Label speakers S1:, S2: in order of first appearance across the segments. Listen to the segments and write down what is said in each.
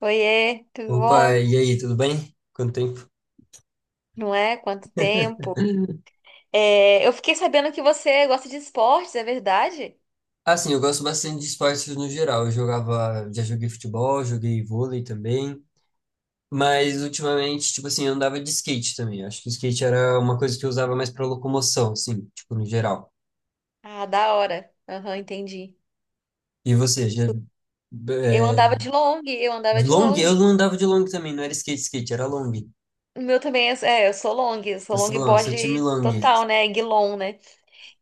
S1: Oiê, tudo
S2: Opa,
S1: bom?
S2: e aí, tudo bem? Quanto tempo?
S1: Não é? Quanto tempo? É, eu fiquei sabendo que você gosta de esportes, é verdade?
S2: Assim, eu gosto bastante de esportes no geral. Eu jogava, já joguei futebol, joguei vôlei também, mas ultimamente, tipo assim, eu andava de skate também. Eu acho que o skate era uma coisa que eu usava mais para locomoção, assim, tipo, no geral.
S1: Ah, da hora. Aham, entendi.
S2: E você, já,
S1: Eu andava de long, eu
S2: de
S1: andava de
S2: long?
S1: long.
S2: Eu não andava de long também, não era skate, skate, era long.
S1: O meu também é, eu sou
S2: Eu sou long,
S1: longboard
S2: sou time long.
S1: total, né? Guilon, né?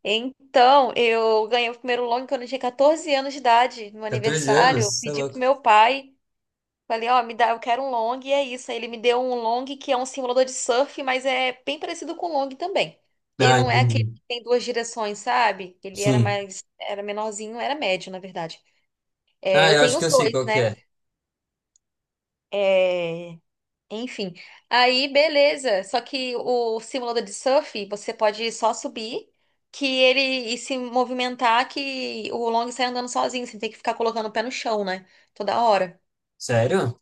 S1: Então, eu ganhei o primeiro long quando eu tinha 14 anos de idade, no meu
S2: 14
S1: aniversário.
S2: anos?
S1: Eu
S2: Você é
S1: pedi pro
S2: louco.
S1: meu pai. Falei, ó, me dá, eu quero um long e é isso. Aí ele me deu um long que é um simulador de surf, mas é bem parecido com o long também. Ele
S2: Ah,
S1: não é aquele
S2: entendi.
S1: que tem duas direções, sabe? Ele era
S2: Sim.
S1: mais, era menorzinho, era médio, na verdade. É,
S2: Ah,
S1: eu
S2: eu
S1: tenho
S2: acho que
S1: os
S2: eu sei
S1: dois,
S2: qual que
S1: né?
S2: é.
S1: É, enfim. Aí, beleza. Só que o simulador de surf, você pode só subir que ele e se movimentar que o long sai andando sozinho, sem ter que ficar colocando o pé no chão, né? Toda hora.
S2: Sério?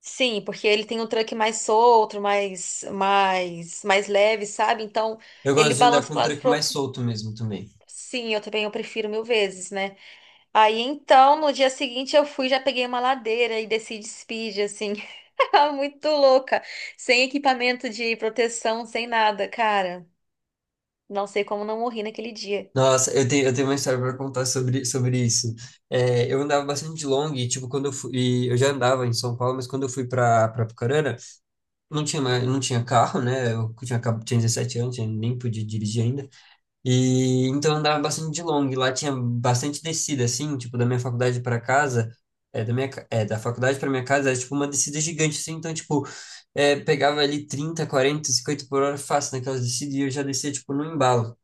S1: Sim, porque ele tem um truck mais solto, mais, mais, mais leve, sabe? Então,
S2: Eu
S1: ele
S2: gosto de andar
S1: balança
S2: com
S1: do
S2: o
S1: lado
S2: tranco
S1: pro
S2: mais
S1: outro.
S2: solto mesmo também.
S1: Sim, eu também eu prefiro mil vezes, né? Aí então, no dia seguinte eu fui, já peguei uma ladeira e desci de speed, assim, muito louca, sem equipamento de proteção, sem nada, cara. Não sei como não morri naquele dia.
S2: Nossa, eu tenho uma história para contar sobre isso. É, eu andava bastante de long, e, tipo, quando eu fui, eu já andava em São Paulo, mas quando eu fui para Apucarana, não tinha mais, não tinha carro, né? Eu tinha, tinha 17 anos, eu nem podia dirigir ainda. E então eu andava bastante de long. Lá tinha bastante descida, assim, tipo, da minha faculdade para casa, da faculdade para minha casa, era tipo uma descida gigante, assim, então, tipo, pegava ali 30, 40, 50 por hora fácil naquelas descidas e eu já descia, tipo, no embalo,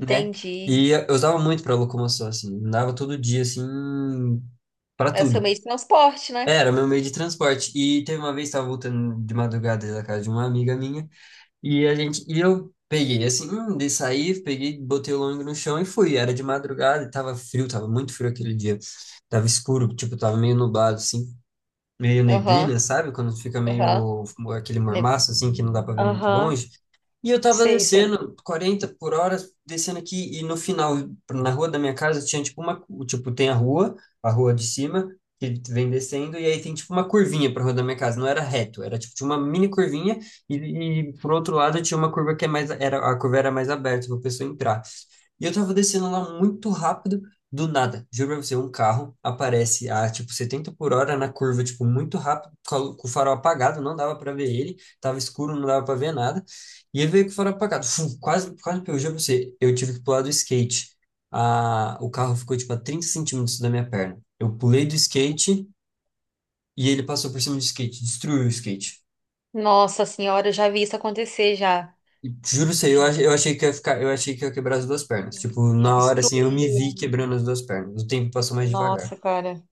S2: né? E eu usava muito para locomoção, assim, andava todo dia, assim, para
S1: É o seu
S2: tudo.
S1: meio de transporte, né?
S2: Era meu meio de transporte. E teve uma vez, estava voltando de madrugada da casa de uma amiga minha, e eu peguei, assim, de sair, peguei, botei o longo no chão e fui. Era de madrugada e tava frio, tava muito frio aquele dia. Tava escuro, tipo, tava meio nublado, assim, meio neblina,
S1: Aham,
S2: sabe? Quando fica
S1: aham.
S2: meio aquele
S1: Né?
S2: mormaço, assim, que não dá para ver muito
S1: Aham,
S2: longe. E eu tava
S1: sei, sei.
S2: descendo 40 por hora, descendo aqui, e no final, na rua da minha casa, tinha tipo uma, tipo, tem a rua de cima, que vem descendo, e aí tem tipo uma curvinha pra rua da minha casa, não era reto, era tipo, tinha uma mini curvinha, e, e por outro lado tinha uma curva que é mais, era, a curva era mais aberta pra pessoa entrar. E eu tava descendo lá muito rápido, do nada, juro pra você, um carro aparece a tipo 70 por hora na curva, tipo, muito rápido, com o farol apagado, não dava pra ver ele, tava escuro, não dava pra ver nada. E ele veio que foram apagados. Fum, quase, quase, eu juro pra você, eu tive que pular do skate. Ah, o carro ficou, tipo, a 30 centímetros da minha perna. Eu pulei do skate e ele passou por cima do skate, destruiu o skate.
S1: Nossa senhora, eu já vi isso acontecer já.
S2: E, juro pra você, eu achei que ia ficar, eu achei que ia quebrar as duas pernas. Tipo,
S1: E
S2: na hora, assim, eu me
S1: destruiu.
S2: vi quebrando as duas pernas. O tempo passou mais devagar.
S1: Nossa, cara.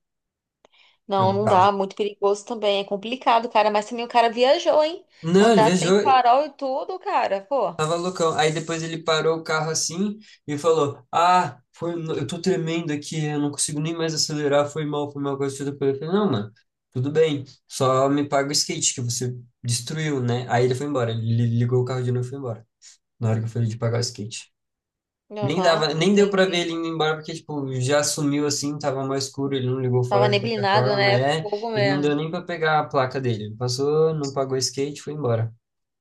S1: Não,
S2: Eu,
S1: não
S2: tá.
S1: dá. Muito perigoso também. É complicado, cara. Mas também o cara viajou, hein?
S2: Não, ele
S1: Andar sem
S2: viajou,
S1: farol e tudo, cara. Pô.
S2: tava loucão. Aí depois ele parou o carro assim e falou: Ah, foi, eu tô tremendo aqui, eu não consigo nem mais acelerar, foi mal, coisa toda. Eu falei: Não, mano, tudo bem, só me paga o skate que você destruiu, né? Aí ele foi embora, ele ligou o carro de novo e foi embora, na hora que eu falei de pagar o skate. Nem
S1: Aham,
S2: dava, nem deu pra ver
S1: entendi.
S2: ele indo embora, porque, tipo, já sumiu assim, tava mais escuro, ele não ligou
S1: Tava
S2: fora de qualquer
S1: neblinado,
S2: forma,
S1: né? É fogo
S2: e não
S1: mesmo.
S2: deu nem pra pegar a placa dele. Passou, não pagou o skate, foi embora.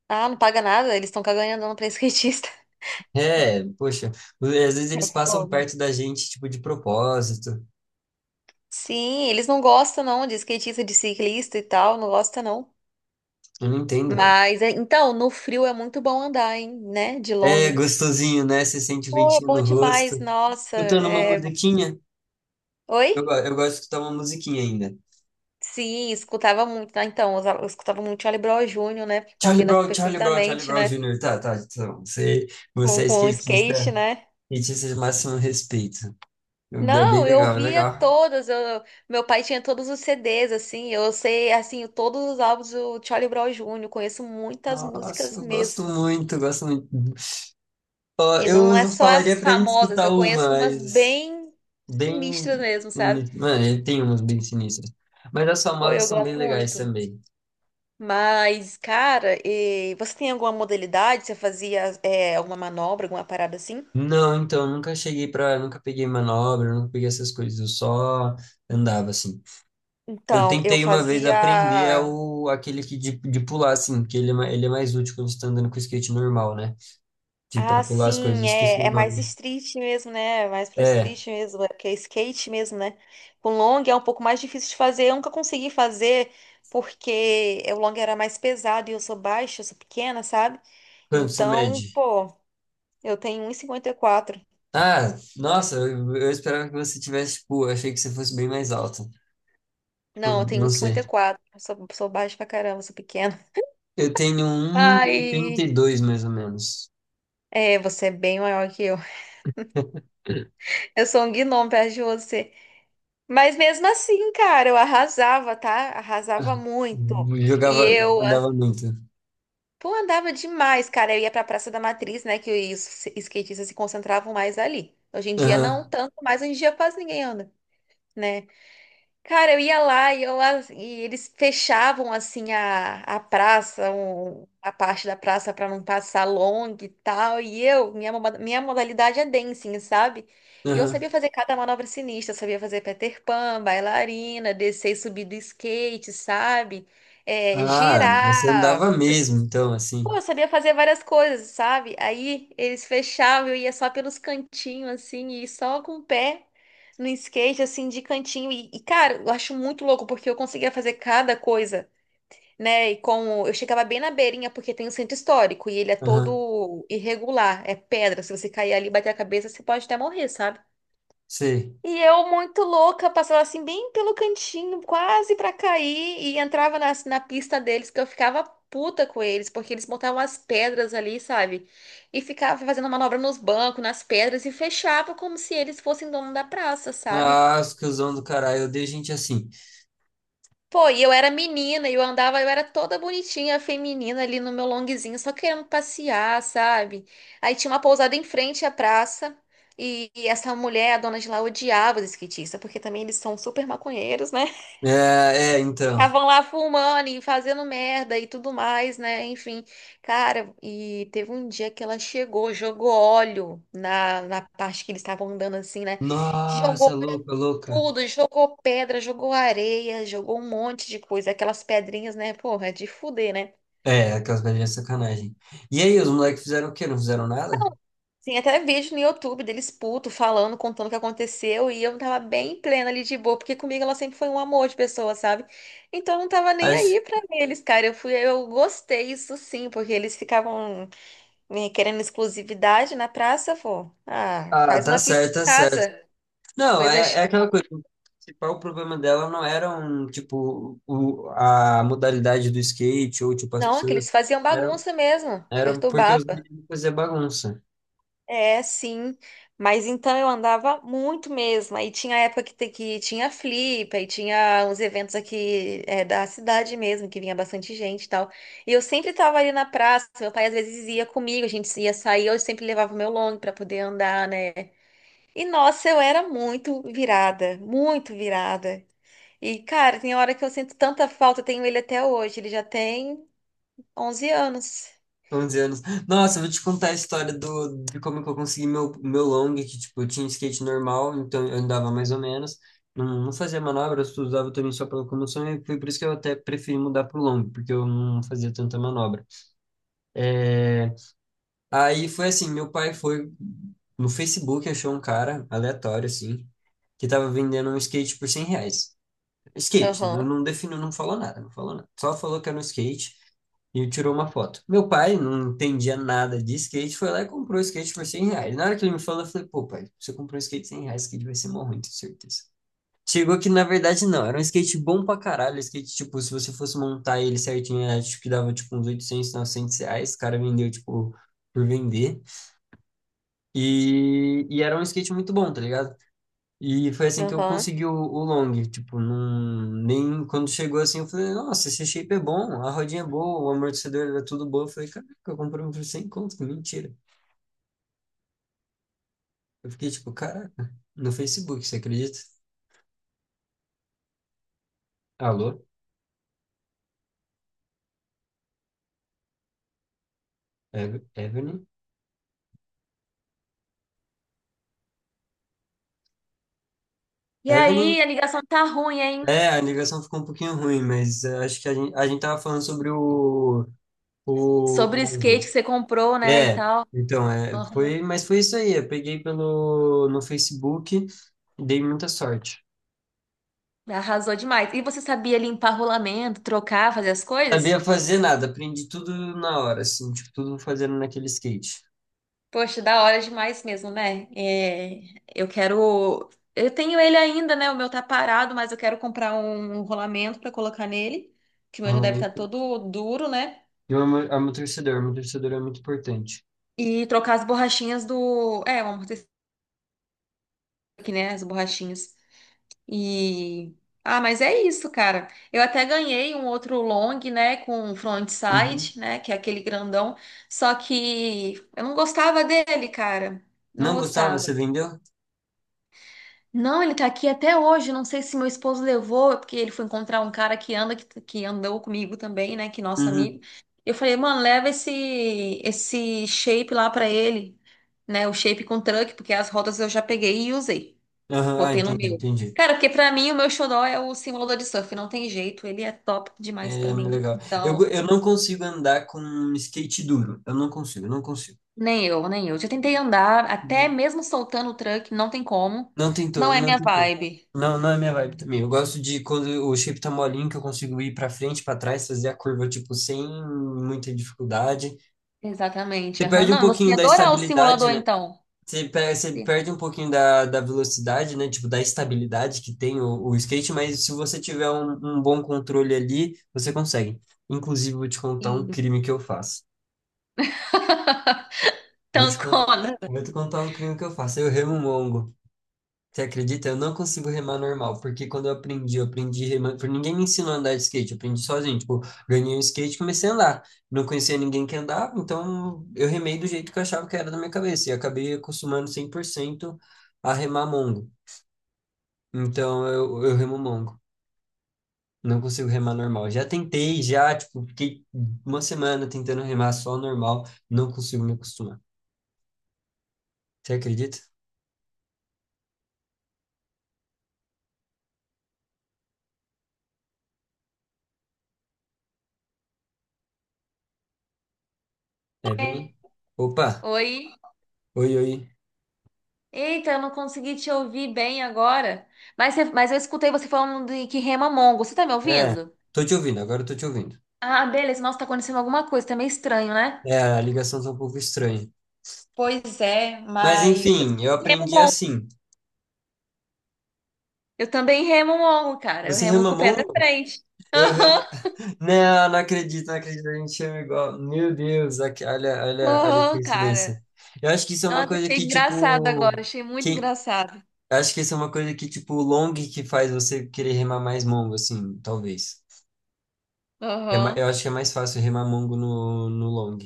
S1: Ah, não paga nada. Eles estão cagando andando pra skatista.
S2: É, poxa, às vezes
S1: É
S2: eles passam
S1: fogo.
S2: perto da gente, tipo, de propósito.
S1: Sim, eles não gostam, não, de skatista, de ciclista e tal. Não gosta, não.
S2: Eu não entendo, velho.
S1: Mas, é- então, no frio é muito bom andar, hein? Né? De long.
S2: É gostosinho, né? Você sente o
S1: Pô, é
S2: ventinho
S1: bom
S2: no rosto.
S1: demais. Nossa.
S2: Escutando uma
S1: É...
S2: musiquinha.
S1: Oi?
S2: Eu gosto de escutar uma musiquinha ainda.
S1: Sim, escutava muito, né? Então, eu escutava muito Charlie Brown Júnior, né? Porque
S2: Charlie
S1: combina
S2: Brown, Charlie Brown, Charlie
S1: perfeitamente,
S2: Brown
S1: né?
S2: Jr. Tá, tá, então, você, é
S1: Com o
S2: skatista,
S1: skate, né?
S2: skatista de máximo respeito. É bem
S1: Não, eu
S2: legal, é
S1: via
S2: legal.
S1: todas. Meu pai tinha todos os CDs, assim. Eu sei, assim, todos os álbuns do Charlie Brown Júnior. Conheço muitas
S2: Nossa,
S1: músicas
S2: eu gosto
S1: mesmo.
S2: muito, eu gosto muito. Ó,
S1: E
S2: eu
S1: não é
S2: não
S1: só
S2: falaria
S1: as
S2: pra gente
S1: famosas,
S2: escutar
S1: eu
S2: uma,
S1: conheço umas
S2: mas
S1: bem
S2: bem.
S1: sinistras mesmo,
S2: Mano,
S1: sabe?
S2: ele tem umas bem sinistras. Mas as
S1: Pô,
S2: famosas
S1: eu
S2: são bem
S1: gosto
S2: legais
S1: muito.
S2: também.
S1: Mas, cara, e você tem alguma modalidade? Você fazia, é, alguma manobra, alguma parada assim?
S2: Não, então, nunca cheguei pra. Nunca peguei manobra, nunca peguei essas coisas. Eu só andava assim. Eu
S1: Então, eu
S2: tentei uma vez aprender
S1: fazia.
S2: ao, aquele que de pular, assim, que ele, ele é mais útil quando você tá andando com o skate normal, né? De pra
S1: Ah,
S2: pular as coisas, eu
S1: sim,
S2: esqueci
S1: é,
S2: o
S1: é mais
S2: nome.
S1: street mesmo, né? Mais pro
S2: É,
S1: street mesmo, é porque é skate mesmo, né? O long é um pouco mais difícil de fazer. Eu nunca consegui fazer porque o long era mais pesado e eu sou baixa, eu sou pequena, sabe?
S2: quanto você
S1: Então,
S2: mede?
S1: pô, eu tenho 1,54.
S2: Ah, nossa, eu esperava que você tivesse, tipo, eu achei que você fosse bem mais alto. Tipo,
S1: Não, eu tenho um
S2: não sei.
S1: 1,54. Eu sou, sou baixa pra caramba, sou pequena.
S2: Eu tenho um e oitenta
S1: Ai,
S2: e dois mais ou menos.
S1: é, você é bem maior que eu. Eu sou um gnomo perto de você. Mas mesmo assim, cara, eu arrasava, tá? Arrasava muito. E
S2: Jogava,
S1: eu, ah,
S2: andava muito.
S1: pô, andava demais, cara. Eu ia pra Praça da Matriz, né? Que os skatistas se concentravam mais ali. Hoje em dia não
S2: Aham,
S1: tanto, mas hoje em dia quase ninguém anda, né? Cara, eu ia lá e, e eles fechavam assim a praça, a parte da praça para não passar long e tal. E eu, minha modalidade é dancing, sabe? E eu
S2: aham.
S1: sabia fazer cada manobra sinistra, eu sabia fazer Peter Pan, bailarina, descer e subir do skate, sabe? É,
S2: Ah, você
S1: girar.
S2: andava mesmo, então, assim.
S1: Pô, eu sabia fazer várias coisas, sabe? Aí eles fechavam, eu ia só pelos cantinhos, assim, e só com o pé no skate, assim, de cantinho. E, cara, eu acho muito louco, porque eu conseguia fazer cada coisa, né? E como eu chegava bem na beirinha, porque tem um centro histórico, e ele é
S2: Aham,
S1: todo irregular, é pedra. Se você cair ali e bater a cabeça, você pode até morrer, sabe?
S2: sei.
S1: E eu, muito louca, passava assim bem pelo cantinho, quase pra cair, e entrava na pista deles, que eu ficava puta com eles, porque eles botavam as pedras ali, sabe? E ficava fazendo manobra nos bancos, nas pedras, e fechava como se eles fossem dono da praça, sabe?
S2: Ah, os cuzão do caralho, eu odeio gente assim.
S1: Pô, e eu era menina, e eu andava, eu era toda bonitinha, feminina ali no meu longuezinho, só querendo passear, sabe? Aí tinha uma pousada em frente à praça. E essa mulher, a dona de lá, odiava os skatistas, porque também eles são super maconheiros, né?
S2: É, é, então.
S1: Ficavam lá fumando e fazendo merda e tudo mais, né? Enfim, cara, e teve um dia que ela chegou, jogou óleo na parte que eles estavam andando assim, né?
S2: Nossa,
S1: Jogou pra
S2: louca, louca.
S1: tudo, jogou pedra, jogou areia, jogou um monte de coisa, aquelas pedrinhas, né? Porra, de fuder, né?
S2: É, aquelas velhinhas sacanagem. E aí, os moleques fizeram o quê? Não fizeram nada?
S1: Tem até vídeo no YouTube deles puto falando, contando o que aconteceu, e eu tava bem plena ali de boa, porque comigo ela sempre foi um amor de pessoa, sabe? Então eu não tava nem
S2: Acho.
S1: aí pra eles, cara. Eu fui, eu gostei isso sim, porque eles ficavam eh, querendo exclusividade na praça, pô. Ah,
S2: Ah,
S1: faz
S2: tá
S1: uma pista
S2: certo,
S1: em
S2: tá certo.
S1: casa.
S2: Não, é,
S1: Coisa chi-
S2: é aquela coisa. O principal problema dela não eram, tipo, o, a modalidade do skate ou, tipo, as
S1: Não, é que
S2: pessoas.
S1: eles faziam
S2: Eram,
S1: bagunça mesmo,
S2: eram porque os
S1: perturbava.
S2: meninos faziam bagunça.
S1: É, sim. Mas então eu andava muito mesmo. Aí tinha época que tinha Flip, aí tinha uns eventos aqui é, da cidade mesmo, que vinha bastante gente e tal. E eu sempre tava ali na praça, meu pai às vezes ia comigo, a gente ia sair, eu sempre levava o meu long pra poder andar, né? E nossa, eu era muito virada, muito virada. E cara, tem hora que eu sinto tanta falta, eu tenho ele até hoje, ele já tem 11 anos.
S2: 11 anos. Nossa, eu vou te contar a história do, de como que eu consegui meu long, que, tipo, eu tinha um skate normal, então eu andava mais ou menos. Não, não fazia manobras, tu usava também só pra locomoção, e foi por isso que eu até preferi mudar pro long, porque eu não fazia tanta manobra. É, Aí foi assim, meu pai foi no Facebook, achou um cara aleatório, assim, que tava vendendo um skate por 100 reais. Skate, não,
S1: Aham,
S2: não definiu, não falou nada, não falou nada. Só falou que era um skate e tirou uma foto. Meu pai não entendia nada de skate, foi lá e comprou o skate por 100 reais. Na hora que ele me falou, eu falei, pô, pai, você comprou um skate 100 reais, esse skate vai ser mó ruim, tenho certeza. Chegou que, na verdade, não, era um skate bom pra caralho, skate, tipo, se você fosse montar ele certinho, acho que dava, tipo, uns 800 900 reais, o cara vendeu, tipo, por vender. E era um skate muito bom, tá ligado? E foi assim que eu
S1: aham.
S2: consegui o long, tipo, nem quando chegou assim, eu falei, nossa, esse shape é bom, a rodinha é boa, o amortecedor era tudo bom. Eu falei, caraca, eu comprei um por 100 conto, que mentira. Eu fiquei tipo, caraca, no Facebook, você acredita? Alô? Evelyn?
S1: E
S2: Evelyn?
S1: aí, a ligação tá ruim, hein?
S2: É, a ligação ficou um pouquinho ruim, mas acho que a gente tava falando sobre o
S1: Sobre o skate
S2: long.
S1: que você comprou, né, e
S2: É,
S1: tal.
S2: então,
S1: Aham.
S2: foi, mas foi isso aí. Eu peguei no Facebook e dei muita sorte.
S1: Arrasou demais. E você sabia limpar rolamento, trocar, fazer as coisas?
S2: Sabia fazer nada, aprendi tudo na hora, assim, tipo, tudo fazendo naquele skate.
S1: Poxa, da hora demais mesmo, né? É, eu quero. Eu tenho ele ainda, né? O meu tá parado, mas eu quero comprar um rolamento pra colocar nele, que o
S2: O
S1: meu já deve estar
S2: rolamento.
S1: todo duro, né?
S2: E o amortecedor é muito importante.
S1: E trocar as borrachinhas do. É, o amortecedor aqui, né? As borrachinhas. E ah, mas é isso, cara. Eu até ganhei um outro long, né, com
S2: Uhum.
S1: frontside, né, que é aquele grandão, só que eu não gostava dele, cara. Não
S2: Não gostava? Você
S1: gostava.
S2: vendeu?
S1: Não, ele tá aqui até hoje. Não sei se meu esposo levou, porque ele foi encontrar um cara que anda que andou comigo também, né, que é nosso
S2: Uhum.
S1: amigo. Eu falei, mano, leva esse shape lá pra ele, né, o shape com truck, porque as rodas eu já peguei e usei.
S2: Aham, ah,
S1: Botei no
S2: entendi,
S1: meu.
S2: entendi.
S1: Cara, porque pra mim o meu xodó é o simulador de surf, não tem jeito, ele é top demais
S2: É
S1: pra mim.
S2: legal. Eu, go-
S1: Então,
S2: eu não consigo andar com um skate duro. Eu não consigo, eu não consigo.
S1: nem eu, nem eu. Já tentei andar, até mesmo soltando o truck, não tem como.
S2: Não tem
S1: Não
S2: turno,
S1: é
S2: não
S1: minha
S2: tem como.
S1: vibe.
S2: Não, não é minha vibe também. Eu gosto de quando o shape tá molinho, que eu consigo ir pra frente, pra trás, fazer a curva, tipo, sem muita dificuldade.
S1: Exatamente.
S2: Você
S1: Aham.
S2: perde um
S1: Não, você
S2: pouquinho
S1: ia
S2: da
S1: adorar o
S2: estabilidade,
S1: simulador
S2: né?
S1: então.
S2: Você
S1: Sim.
S2: perde um pouquinho da velocidade, né? Tipo, da estabilidade que tem o skate, mas se você tiver um bom controle ali, você consegue. Inclusive, vou te contar um crime que eu faço. Vou
S1: Então,
S2: te, con-
S1: Conan.
S2: vou te contar um crime que eu faço. Eu remungo. Você acredita? Eu não consigo remar normal, porque quando eu aprendi remando, porque ninguém me ensinou a andar de skate, eu aprendi sozinho, tipo, ganhei um skate e comecei a andar. Não conhecia ninguém que andava, então eu remei do jeito que eu achava que era da minha cabeça, e acabei acostumando 100% a remar mongo. Então eu remo mongo, não consigo remar normal. Já tentei, já, tipo, fiquei uma semana tentando remar só normal, não consigo me acostumar. Você acredita?
S1: É.
S2: Evelyn? Opa,
S1: Oi.
S2: oi, oi.
S1: Eita, eu não consegui te ouvir bem agora. Mas, você- mas eu escutei você falando de que rema mongo. Você tá me
S2: É,
S1: ouvindo?
S2: tô te ouvindo, agora eu tô te ouvindo.
S1: Ah, beleza. Nossa, tá acontecendo alguma coisa. Tá meio estranho, né?
S2: É, a ligação tá um pouco estranha.
S1: Pois é,
S2: Mas
S1: mas
S2: enfim, eu
S1: remo
S2: aprendi
S1: mongo.
S2: assim.
S1: Eu também remo mongo, cara. Eu
S2: Você
S1: remo
S2: rema
S1: com o pé da
S2: mongo?
S1: frente.
S2: Eu remo.
S1: Aham,
S2: Não, não acredito, não acredito, a gente chama igual. Meu Deus, olha, olha, olha que
S1: aham, cara.
S2: coincidência. Eu acho que isso é uma
S1: Nossa,
S2: coisa
S1: achei
S2: que,
S1: engraçado agora.
S2: tipo.
S1: Achei muito
S2: Quem.
S1: engraçado.
S2: Eu acho que isso é uma coisa que, tipo, o long que faz você querer remar mais mongo, assim, talvez. Eu
S1: Aham.
S2: acho que é mais fácil remar mongo no long.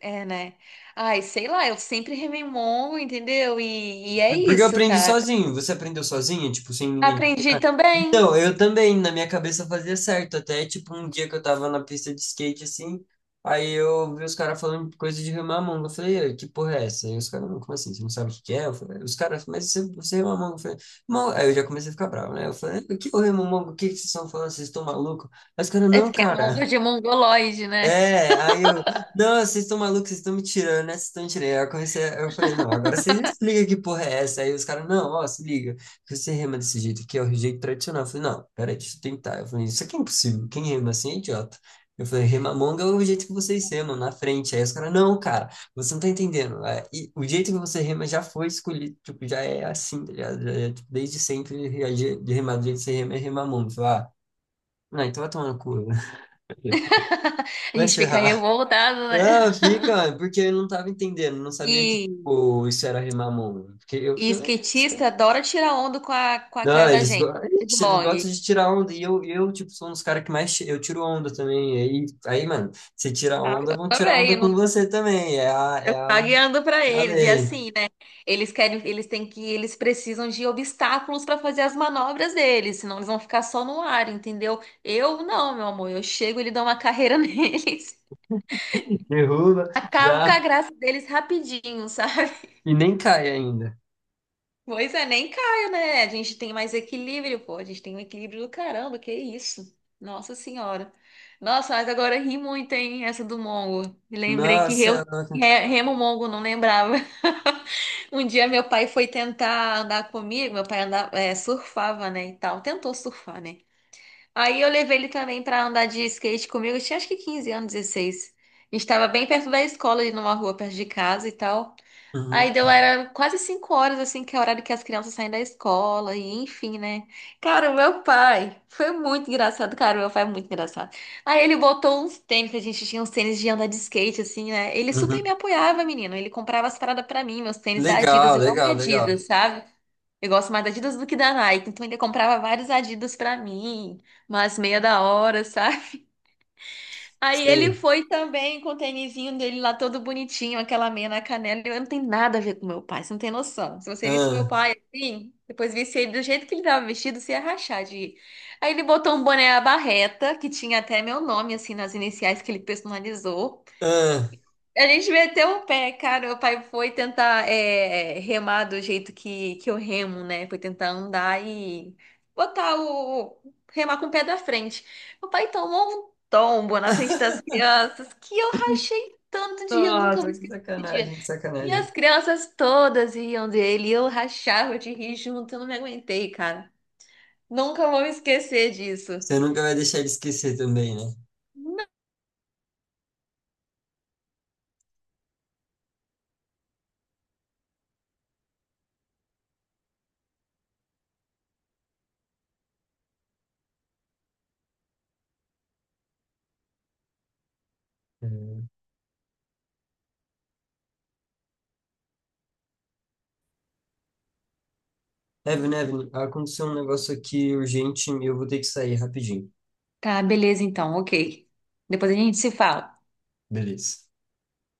S1: É, né? Ai, sei lá. Eu sempre remei mongo, entendeu? E é
S2: Porque eu
S1: isso,
S2: aprendi
S1: cara.
S2: sozinho. Você aprendeu sozinho, tipo, sem ninguém.
S1: Aprendi também.
S2: Então, eu também, na minha cabeça fazia certo, até tipo um dia que eu tava na pista de skate assim, aí eu vi os caras falando coisa de remar a manga, eu falei: "Ei, que porra é essa?" Aí os caras: "Não, como assim, você não sabe o que que é?" Eu falei, os caras, mas você, rema a manga, eu falei, "Mão-", aí eu já comecei a ficar bravo, né? Eu falei, o que eu remo a manga? O que que vocês estão falando? Vocês estão malucos? Aí os caras,
S1: É
S2: não,
S1: porque é mongo
S2: cara.
S1: de mongoloide, né?
S2: É, aí eu, não, vocês estão malucos, vocês estão me tirando, né? Vocês estão me tirando. Aí eu comecei, eu falei, não, agora vocês explicam que porra é essa. Aí os caras, não, ó, se liga, que você rema desse jeito aqui, é o jeito tradicional. Eu falei, não, peraí, deixa eu tentar. Eu falei, isso aqui é impossível, quem rema assim é idiota. Eu falei, rema monga é o jeito que vocês remam, na frente. Aí os caras, não, cara, você não tá entendendo. É, e o jeito que você rema já foi escolhido, tipo, já é assim, tá ligado? Já é, tipo, desde sempre, de remar do jeito que você rema é remar. Eu falei, ah, não, então vai tomar no cu,
S1: A
S2: vai se
S1: gente fica
S2: ferrar.
S1: revoltado, né?
S2: Ah, fica, mano, porque eu não tava entendendo, não sabia que,
S1: E,
S2: tipo, isso era rimar mano. Porque eu
S1: e
S2: falei: "Ah, esse cara-".
S1: skatista adora tirar onda com a
S2: Não,
S1: cara da gente.
S2: ixi, eles gostam
S1: Blog.
S2: de tirar onda, e eu tipo, sou um dos caras que mais, eu tiro onda também, aí, aí, mano, se tirar
S1: Ah,
S2: onda,
S1: eu
S2: vão tirar onda
S1: também.
S2: com você também, é a,
S1: Eu pagando para eles. E
S2: lei.
S1: assim, né? Eles querem, eles têm que, eles precisam de obstáculos para fazer as manobras deles, senão eles vão ficar só no ar, entendeu? Eu não, meu amor. Eu chego, ele dá uma carreira neles.
S2: Derruba,
S1: Acabo com a
S2: já,
S1: graça deles rapidinho, sabe?
S2: e nem cai ainda.
S1: Pois é, nem caio, né? A gente tem mais equilíbrio, pô. A gente tem um equilíbrio do caramba, que isso. Nossa Senhora. Nossa, mas agora ri muito, hein? Essa do Mongo. Me lembrei que eu
S2: Nossa, nossa.
S1: remo Mongo, não lembrava. Um dia meu pai foi tentar andar comigo, meu pai andava, é, surfava, né, e tal. Tentou surfar, né? Aí eu levei ele também pra andar de skate comigo. Eu tinha acho que 15 anos, 16. A gente tava bem perto da escola, ali numa rua perto de casa e tal.
S2: Uhum,
S1: Aí deu, era quase 5 horas, assim, que é o horário que as crianças saem da escola, e enfim, né? Cara, o meu pai foi muito engraçado, cara, o meu pai é muito engraçado. Aí ele botou uns tênis, que a gente tinha uns tênis de andar de skate, assim, né? Ele super me
S2: uhum.
S1: apoiava, menino. Ele comprava as paradas pra mim, meus tênis da Adidas.
S2: Legal,
S1: Eu amo
S2: legal, legal.
S1: Adidas, sabe? Eu gosto mais da Adidas do que da Nike. Então ele comprava vários Adidas pra mim, umas meia da hora, sabe? Aí ele
S2: Sim.
S1: foi também com o tênisinho dele lá todo bonitinho, aquela meia na canela. Eu não tenho nada a ver com meu pai, você não tem noção. Se você visse meu
S2: Ah,
S1: pai assim, depois visse ele do jeito que ele tava vestido, você ia rachar de rir. Aí ele botou um boné à barreta, que tinha até meu nome, assim, nas iniciais que ele personalizou.
S2: ah.
S1: A gente meteu o pé, cara. Meu pai foi tentar é, remar do jeito que eu remo, né? Foi tentar andar e botar o. remar com o pé da frente. Meu pai tomou um tombo na frente das crianças que eu rachei tanto de rir, eu nunca vou
S2: Nossa, que
S1: esquecer esse dia.
S2: sacanagem, que
S1: E
S2: sacanagem.
S1: as crianças todas riam dele, e eu rachava de rir junto, eu não me aguentei, cara. Nunca vou me esquecer disso.
S2: Você nunca vai deixar ele esquecer também, né? Uhum. Evan, Evan, aconteceu um negócio aqui urgente e eu vou ter que sair rapidinho.
S1: Tá, beleza então, ok. Depois a gente se fala.
S2: Beleza.